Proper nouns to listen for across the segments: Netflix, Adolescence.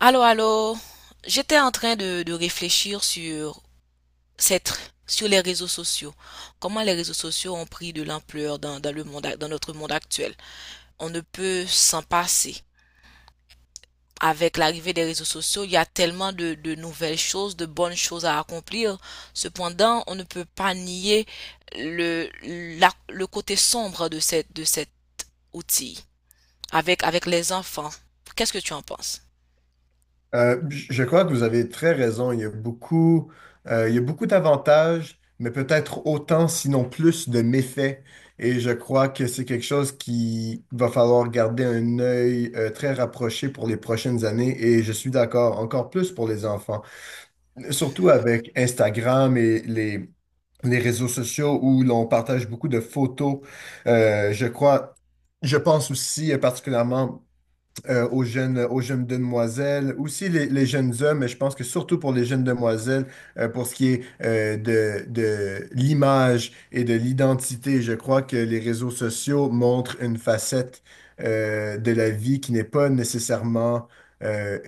Allô, allô. J'étais en train de réfléchir sur sur les réseaux sociaux. Comment les réseaux sociaux ont pris de l'ampleur dans le monde, dans notre monde actuel. On ne peut s'en passer. Avec l'arrivée des réseaux sociaux, il y a tellement de nouvelles choses, de bonnes choses à accomplir. Cependant, on ne peut pas nier le, le côté sombre de cet outil. Avec les enfants. Qu'est-ce que tu en penses? Je crois que vous avez très raison. Il y a beaucoup d'avantages, mais peut-être autant, sinon plus, de méfaits. Et je crois que c'est quelque chose qui va falloir garder un œil très rapproché pour les prochaines années. Et je suis d'accord, encore plus pour les enfants. Surtout avec Instagram et les réseaux sociaux où l'on partage beaucoup de photos. Euh, je crois, je pense aussi particulièrement aux jeunes demoiselles, aussi les jeunes hommes, mais je pense que surtout pour les jeunes demoiselles, pour ce qui est de l'image et de l'identité, je crois que les réseaux sociaux montrent une facette de la vie qui n'est pas nécessairement euh,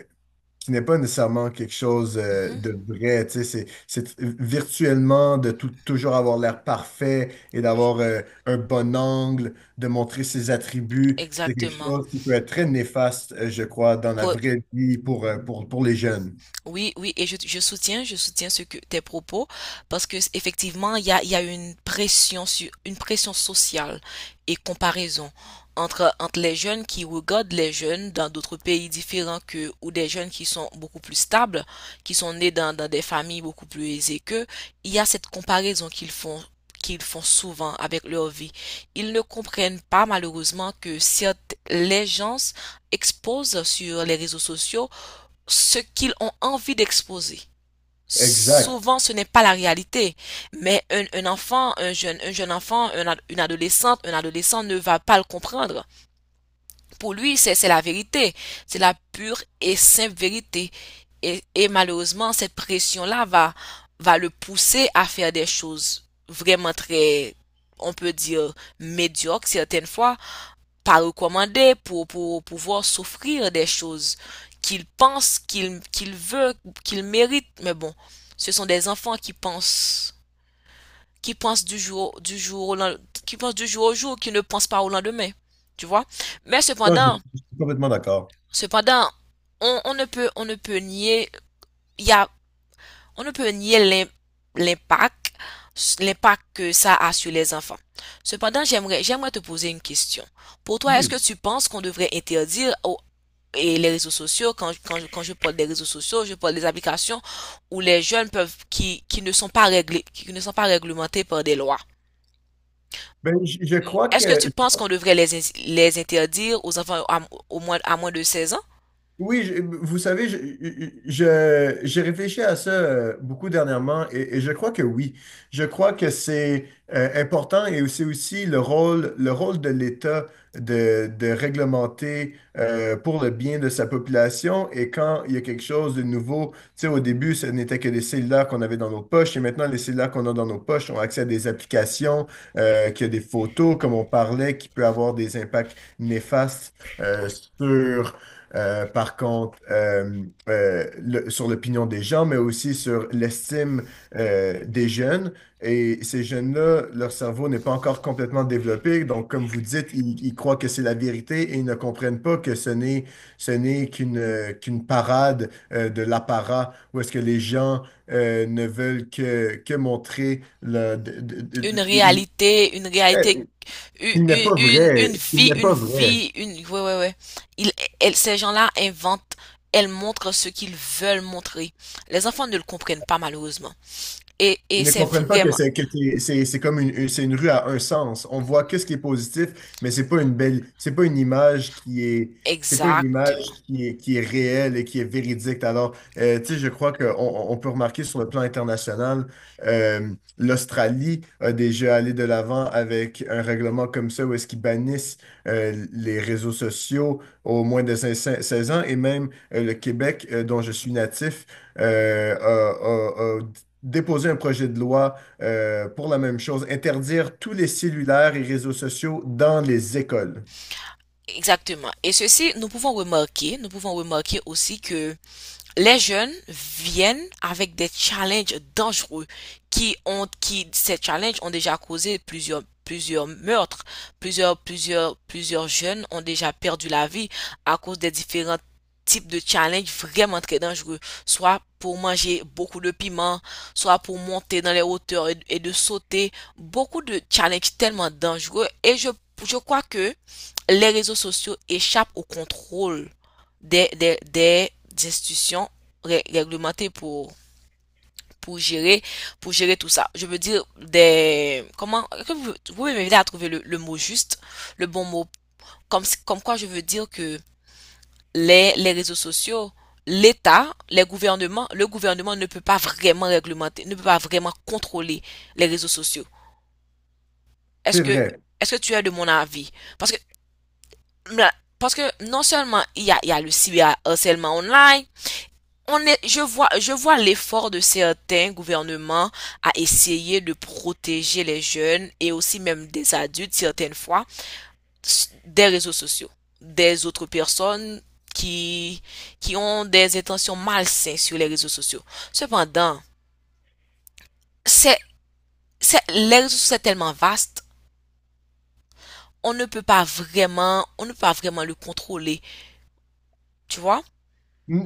qui n'est pas nécessairement quelque chose Mhm. de vrai, tu sais, c'est virtuellement de toujours avoir l'air parfait et d'avoir un bon angle, de montrer ses attributs, c'est quelque Exactement. chose qui peut être très néfaste, je crois, dans la vraie vie pour les jeunes. Oui, oui, et je soutiens ce que tes propos parce que effectivement, il y a une pression sur une pression sociale et comparaison entre les jeunes qui regardent les jeunes dans d'autres pays différents que ou des jeunes qui sont beaucoup plus stables, qui sont nés dans des familles beaucoup plus aisées qu'eux, il y a cette comparaison qu'ils font souvent avec leur vie. Ils ne comprennent pas malheureusement que certes, les gens exposent sur les réseaux sociaux ce qu'ils ont envie d'exposer. Exact. Souvent, ce n'est pas la réalité, mais un enfant, un jeune enfant, un une adolescente, un adolescent ne va pas le comprendre. Pour lui, c'est la vérité, c'est la pure et simple vérité. Et malheureusement, cette pression-là va le pousser à faire des choses vraiment très, on peut dire, médiocres certaines fois, pas recommandé pour pouvoir s'offrir des choses qu'ils pensent, qu'ils veulent, qu'ils méritent. Mais bon, ce sont des enfants qui pensent du jour au lendemain, qui pensent du jour au jour, qui ne pensent pas au lendemain. Tu vois? Mais Non, je cependant, suis je suis complètement d'accord. cependant, on ne peut nier, il y a, on ne peut nier l'impact, l'impact que ça a sur les enfants. Cependant, j'aimerais te poser une question. Pour toi, est-ce Oui. que tu penses qu'on devrait et les réseaux sociaux, quand je parle des réseaux sociaux, je parle des applications où les jeunes qui ne sont pas réglés, qui ne sont pas réglementés par des lois. Je crois que Est-ce que tu penses qu'on devrait les interdire aux enfants à moins de 16 ans? oui. Vous savez, j'ai réfléchi à ça beaucoup dernièrement et je crois que oui. Je crois que c'est important et c'est aussi le rôle de l'État de réglementer pour le bien de sa population. Et quand il y a quelque chose de nouveau, tu sais, au début, ce n'était que les cellulaires qu'on avait dans nos poches et maintenant, les cellulaires qu'on a dans nos poches ont accès à des applications, qui a des photos, comme on parlait, qui peut avoir des impacts néfastes euh, sur par contre, le- sur l'opinion des gens, mais aussi sur l'estime des jeunes. Et ces jeunes-là, leur cerveau n'est pas encore complètement développé. Donc, comme vous dites, ils croient que c'est la vérité et ils ne comprennent pas que ce n'est qu'une qu'une parade de l'apparat où est-ce que les gens ne veulent que montrer le, Une de- réalité, une réalité, eh, une, qu'il n'est pas une, vrai. une- qu'il vie, n'est une pas vrai. vie, une, ouais, ouais, ouais. Ils, ces gens-là inventent, elles montrent ce qu'ils veulent montrer. Les enfants ne le comprennent pas, malheureusement. Et, Ils et ne c'est comprennent pas que vraiment c'est comme c'est une rue à un sens. On voit qu'est-ce qui est positif, mais c'est pas une image c'est pas une image exactement. Qui est réelle et qui est véridique. Alors, tu sais, je crois qu'on on peut remarquer sur le plan international, euh, l'Australie a déjà allé de l'avant avec un règlement comme ça où est-ce qu'ils bannissent les réseaux sociaux au moins de seize ans et même le Québec, dont je suis natif, a déposer un projet de loi pour la même chose, interdire tous les cellulaires et réseaux sociaux dans les écoles. Exactement. Et ceci, nous pouvons remarquer aussi que les jeunes viennent avec des challenges dangereux ces challenges ont déjà causé plusieurs meurtres. Plusieurs jeunes ont déjà perdu la vie à cause des différents types de challenges vraiment très dangereux. Soit pour manger beaucoup de piment, soit pour monter dans les hauteurs et de sauter. Beaucoup de challenges tellement dangereux et je crois que les réseaux sociaux échappent au contrôle des institutions ré- réglementées pour, pour, gérer, pour gérer tout ça. Je veux dire, que vous pouvez m'aider à trouver le mot juste, le bon mot. Comme, si, comme quoi je veux dire que les réseaux sociaux, l'État, les gouvernements, le gouvernement ne peut pas vraiment réglementer, ne peut pas vraiment contrôler les réseaux sociaux. Est-ce C'est que vrai. est-ce que tu es de mon avis? Parce que là, parce que non seulement il y a le cyberharcèlement online, je vois l'effort de certains gouvernements à essayer de protéger les jeunes et aussi même des adultes certaines fois des réseaux sociaux, des autres personnes qui, qui ont des intentions malsaines sur les réseaux sociaux. Cependant, c'est, les réseaux sociaux sont tellement vastes, on ne peut pas vraiment, on ne peut pas vraiment le contrôler, tu vois?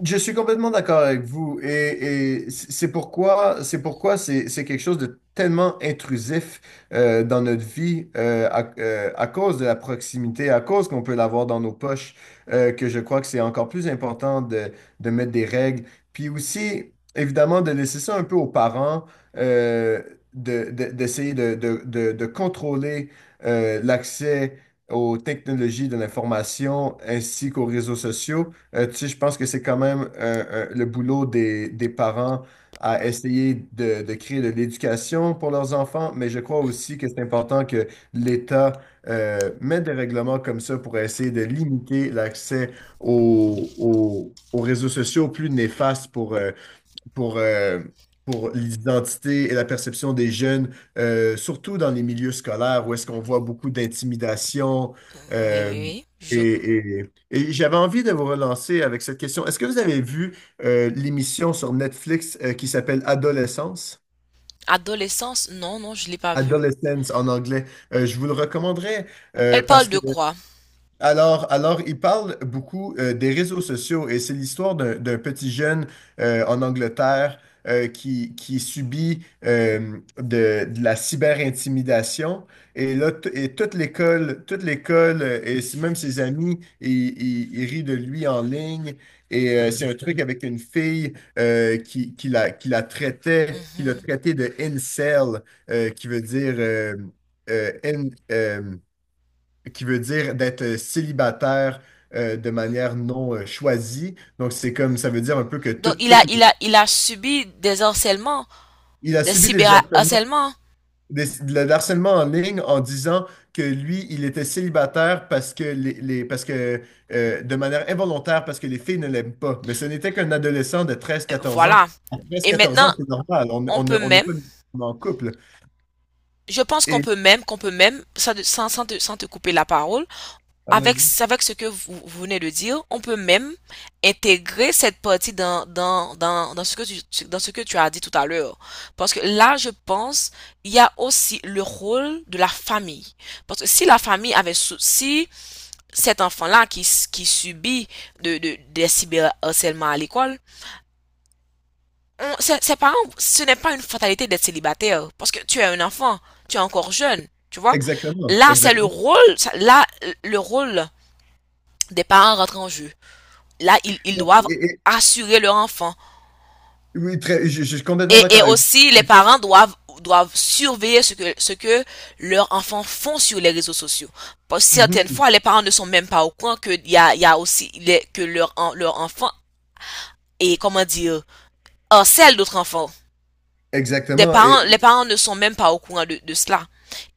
Je suis complètement d'accord avec vous et c'est pourquoi c'est quelque chose de tellement intrusif dans notre vie à cause de la proximité, à cause qu'on peut l'avoir dans nos poches, que je crois que c'est encore plus important de mettre des règles. Puis aussi, évidemment, de laisser ça un peu aux parents, euh, d'essayer de contrôler l'accès aux technologies de l'information ainsi qu'aux réseaux sociaux. Tu sais, je pense que c'est quand même le boulot des parents à essayer de créer de l'éducation pour leurs enfants, mais je crois aussi que c'est important que l'État mette des règlements comme ça pour essayer de limiter l'accès aux réseaux sociaux plus néfastes pour, euh, pour l'identité et la perception des jeunes, surtout dans les milieux scolaires où est-ce qu'on voit beaucoup d'intimidation. Oui, oui, euh, oui. Et j'avais envie de vous relancer avec cette question. Est-ce que vous avez vu l'émission sur Netflix qui s'appelle Adolescence? Adolescence, non, non, je l'ai pas vu. Adolescence en anglais. Je vous le recommanderais Elle parle parce que de quoi? Alors, il parle beaucoup des réseaux sociaux et c'est l'histoire d'un petit jeune en Angleterre qui subit de la cyber-intimidation. Et et toute toute l'école même ses amis, ils rient de lui en ligne. Et c'est un truc avec une fille qui la traitait, qui l'a Mhm. traité de incel, euh, qui veut dire euh, euh, in- euh, qui veut dire d'être célibataire de manière non choisie. Donc, c'est comme ça veut dire un peu que Donc, il a, il a, il a subi des harcèlements, il a des subi des harcèlements, cyberharcèlements. De l'harcèlement en ligne en disant que lui, il était célibataire parce que de manière involontaire, parce que les filles ne l'aiment pas. Mais ce n'était qu'un adolescent de treize quatorze ans. Voilà. À Et 13-14 maintenant, ans, c'est normal. On on on ne- peut on n'est même, pas nécessairement en couple. je pense qu'on Et peut même, qu'on peut même, sans te couper la parole, ah, avec, vas-y. avec ce que vous venez de dire, on peut même intégrer cette partie dans ce que tu as dit tout à l'heure. Parce que là, je pense, il y a aussi le rôle de la famille. Parce que si la famille avait, si cet enfant-là qui subit des cyberharcèlements à l'école, ses parents, ce n'est pas une fatalité d'être célibataire. Parce que tu es un enfant, tu es encore jeune, tu vois. Exactement, Là, exactement. Là, le rôle des parents rentre en jeu. Là, ils Et- doivent et- assurer leur enfant. oui, je suis complètement Et d'accord avec aussi, les vous. parents doivent surveiller ce que leurs enfants font sur les réseaux sociaux. Parce que certaines Mhm. fois, les parents ne sont même pas au courant que il y a aussi que leur enfant comment dire, harcèle d'autres enfants. Des Exactement. Parents, les parents ne sont même pas au courant de cela.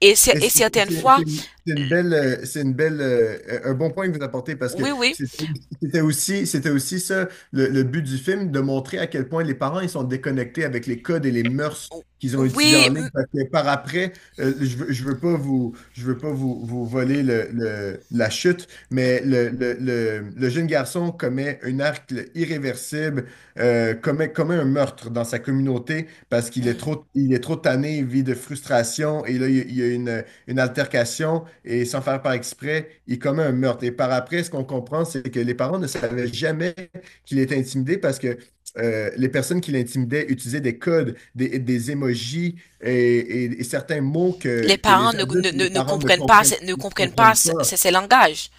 Et, Et et certaines fois, c'est une belle, un bon point que vous apportez parce que oui, oui, c'est- c'était aussi ça le but du film, de montrer à quel point les parents ils sont déconnectés avec les codes et les mœurs qu'ils ont utilisés oui, en ligne. Parce que par après, je veux pas vous voler la chute, mais le jeune garçon commet un acte irréversible, commet un meurtre dans sa communauté parce qu'il est mm, trop tanné, il vit de frustration et là, il y a une altercation et sans faire par exprès, il commet un meurtre. Et par après, ce qu'on comprend, c'est que les parents ne savaient jamais qu'il était intimidé parce que les personnes qui l'intimidaient utilisaient des codes, des émojis et, et certains mots les que parents les adultes et les parents ne ne ne comprennent pas comprennent ces, pas. ces langages.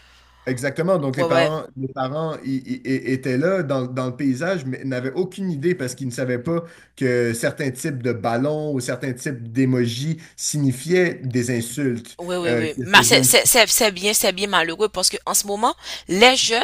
Exactement. Donc, Ouais, ouais. Les parents étaient là dans le paysage, mais n'avaient aucune idée parce qu'ils ne savaient pas que certains types de ballons ou certains types d'émojis signifiaient des insultes Oui, oui, oui. que Mais ce c'est jeune. c'est- c'est- c'est bien, c'est bien malheureux parce que en ce moment, les jeunes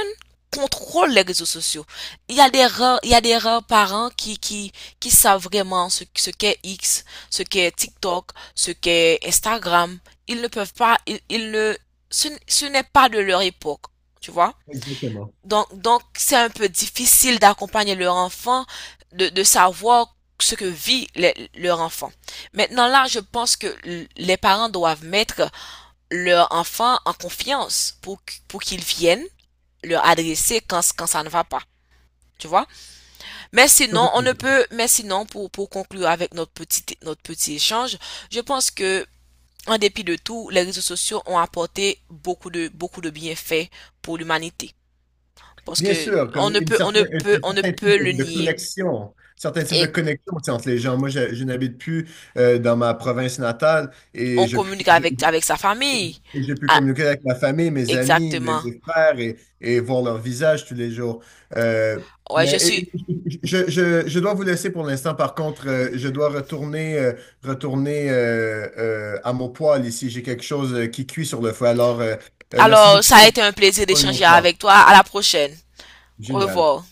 contrôlent les réseaux sociaux. Il y a des rares parents qui savent vraiment ce qu'est X, ce qu'est TikTok, ce qu'est Instagram. Ils ne peuvent pas, ils ne, ce n'est pas de leur époque, tu vois? Exactement. Donc, c'est un peu difficile d'accompagner leur enfant, de savoir ce que vit leur enfant. Maintenant, là, je pense que les parents doivent mettre leur enfant en confiance pour qu'ils viennent leur adresser quand ça ne va pas. Tu vois? Mais sinon, on Complètement ne d'accord. peut, mais sinon, pour conclure avec notre petit échange, je pense que, en dépit de tout, les réseaux sociaux ont apporté beaucoup de bienfaits pour l'humanité. Parce Bien que, sûr, on comme ne une peut, on ne peut, un on ne certain type peut le de nier. connexion, certains types de Et connexion, tu sais, entre les gens. Moi, je n'habite plus dans ma province natale on communique je- avec sa famille. et j'ai pu Ah, communiquer avec ma famille, mes amis, exactement. mes frères et voir leur visage tous les jours. Euh, Ouais, je dois vous laisser pour l'instant. Par contre, retourner à mon poêle ici. J'ai quelque chose qui cuit sur le feu. Alors, merci alors, beaucoup. ça a été un plaisir Pour une d'échanger autre fois. avec toi. À la prochaine. Au Génial. revoir.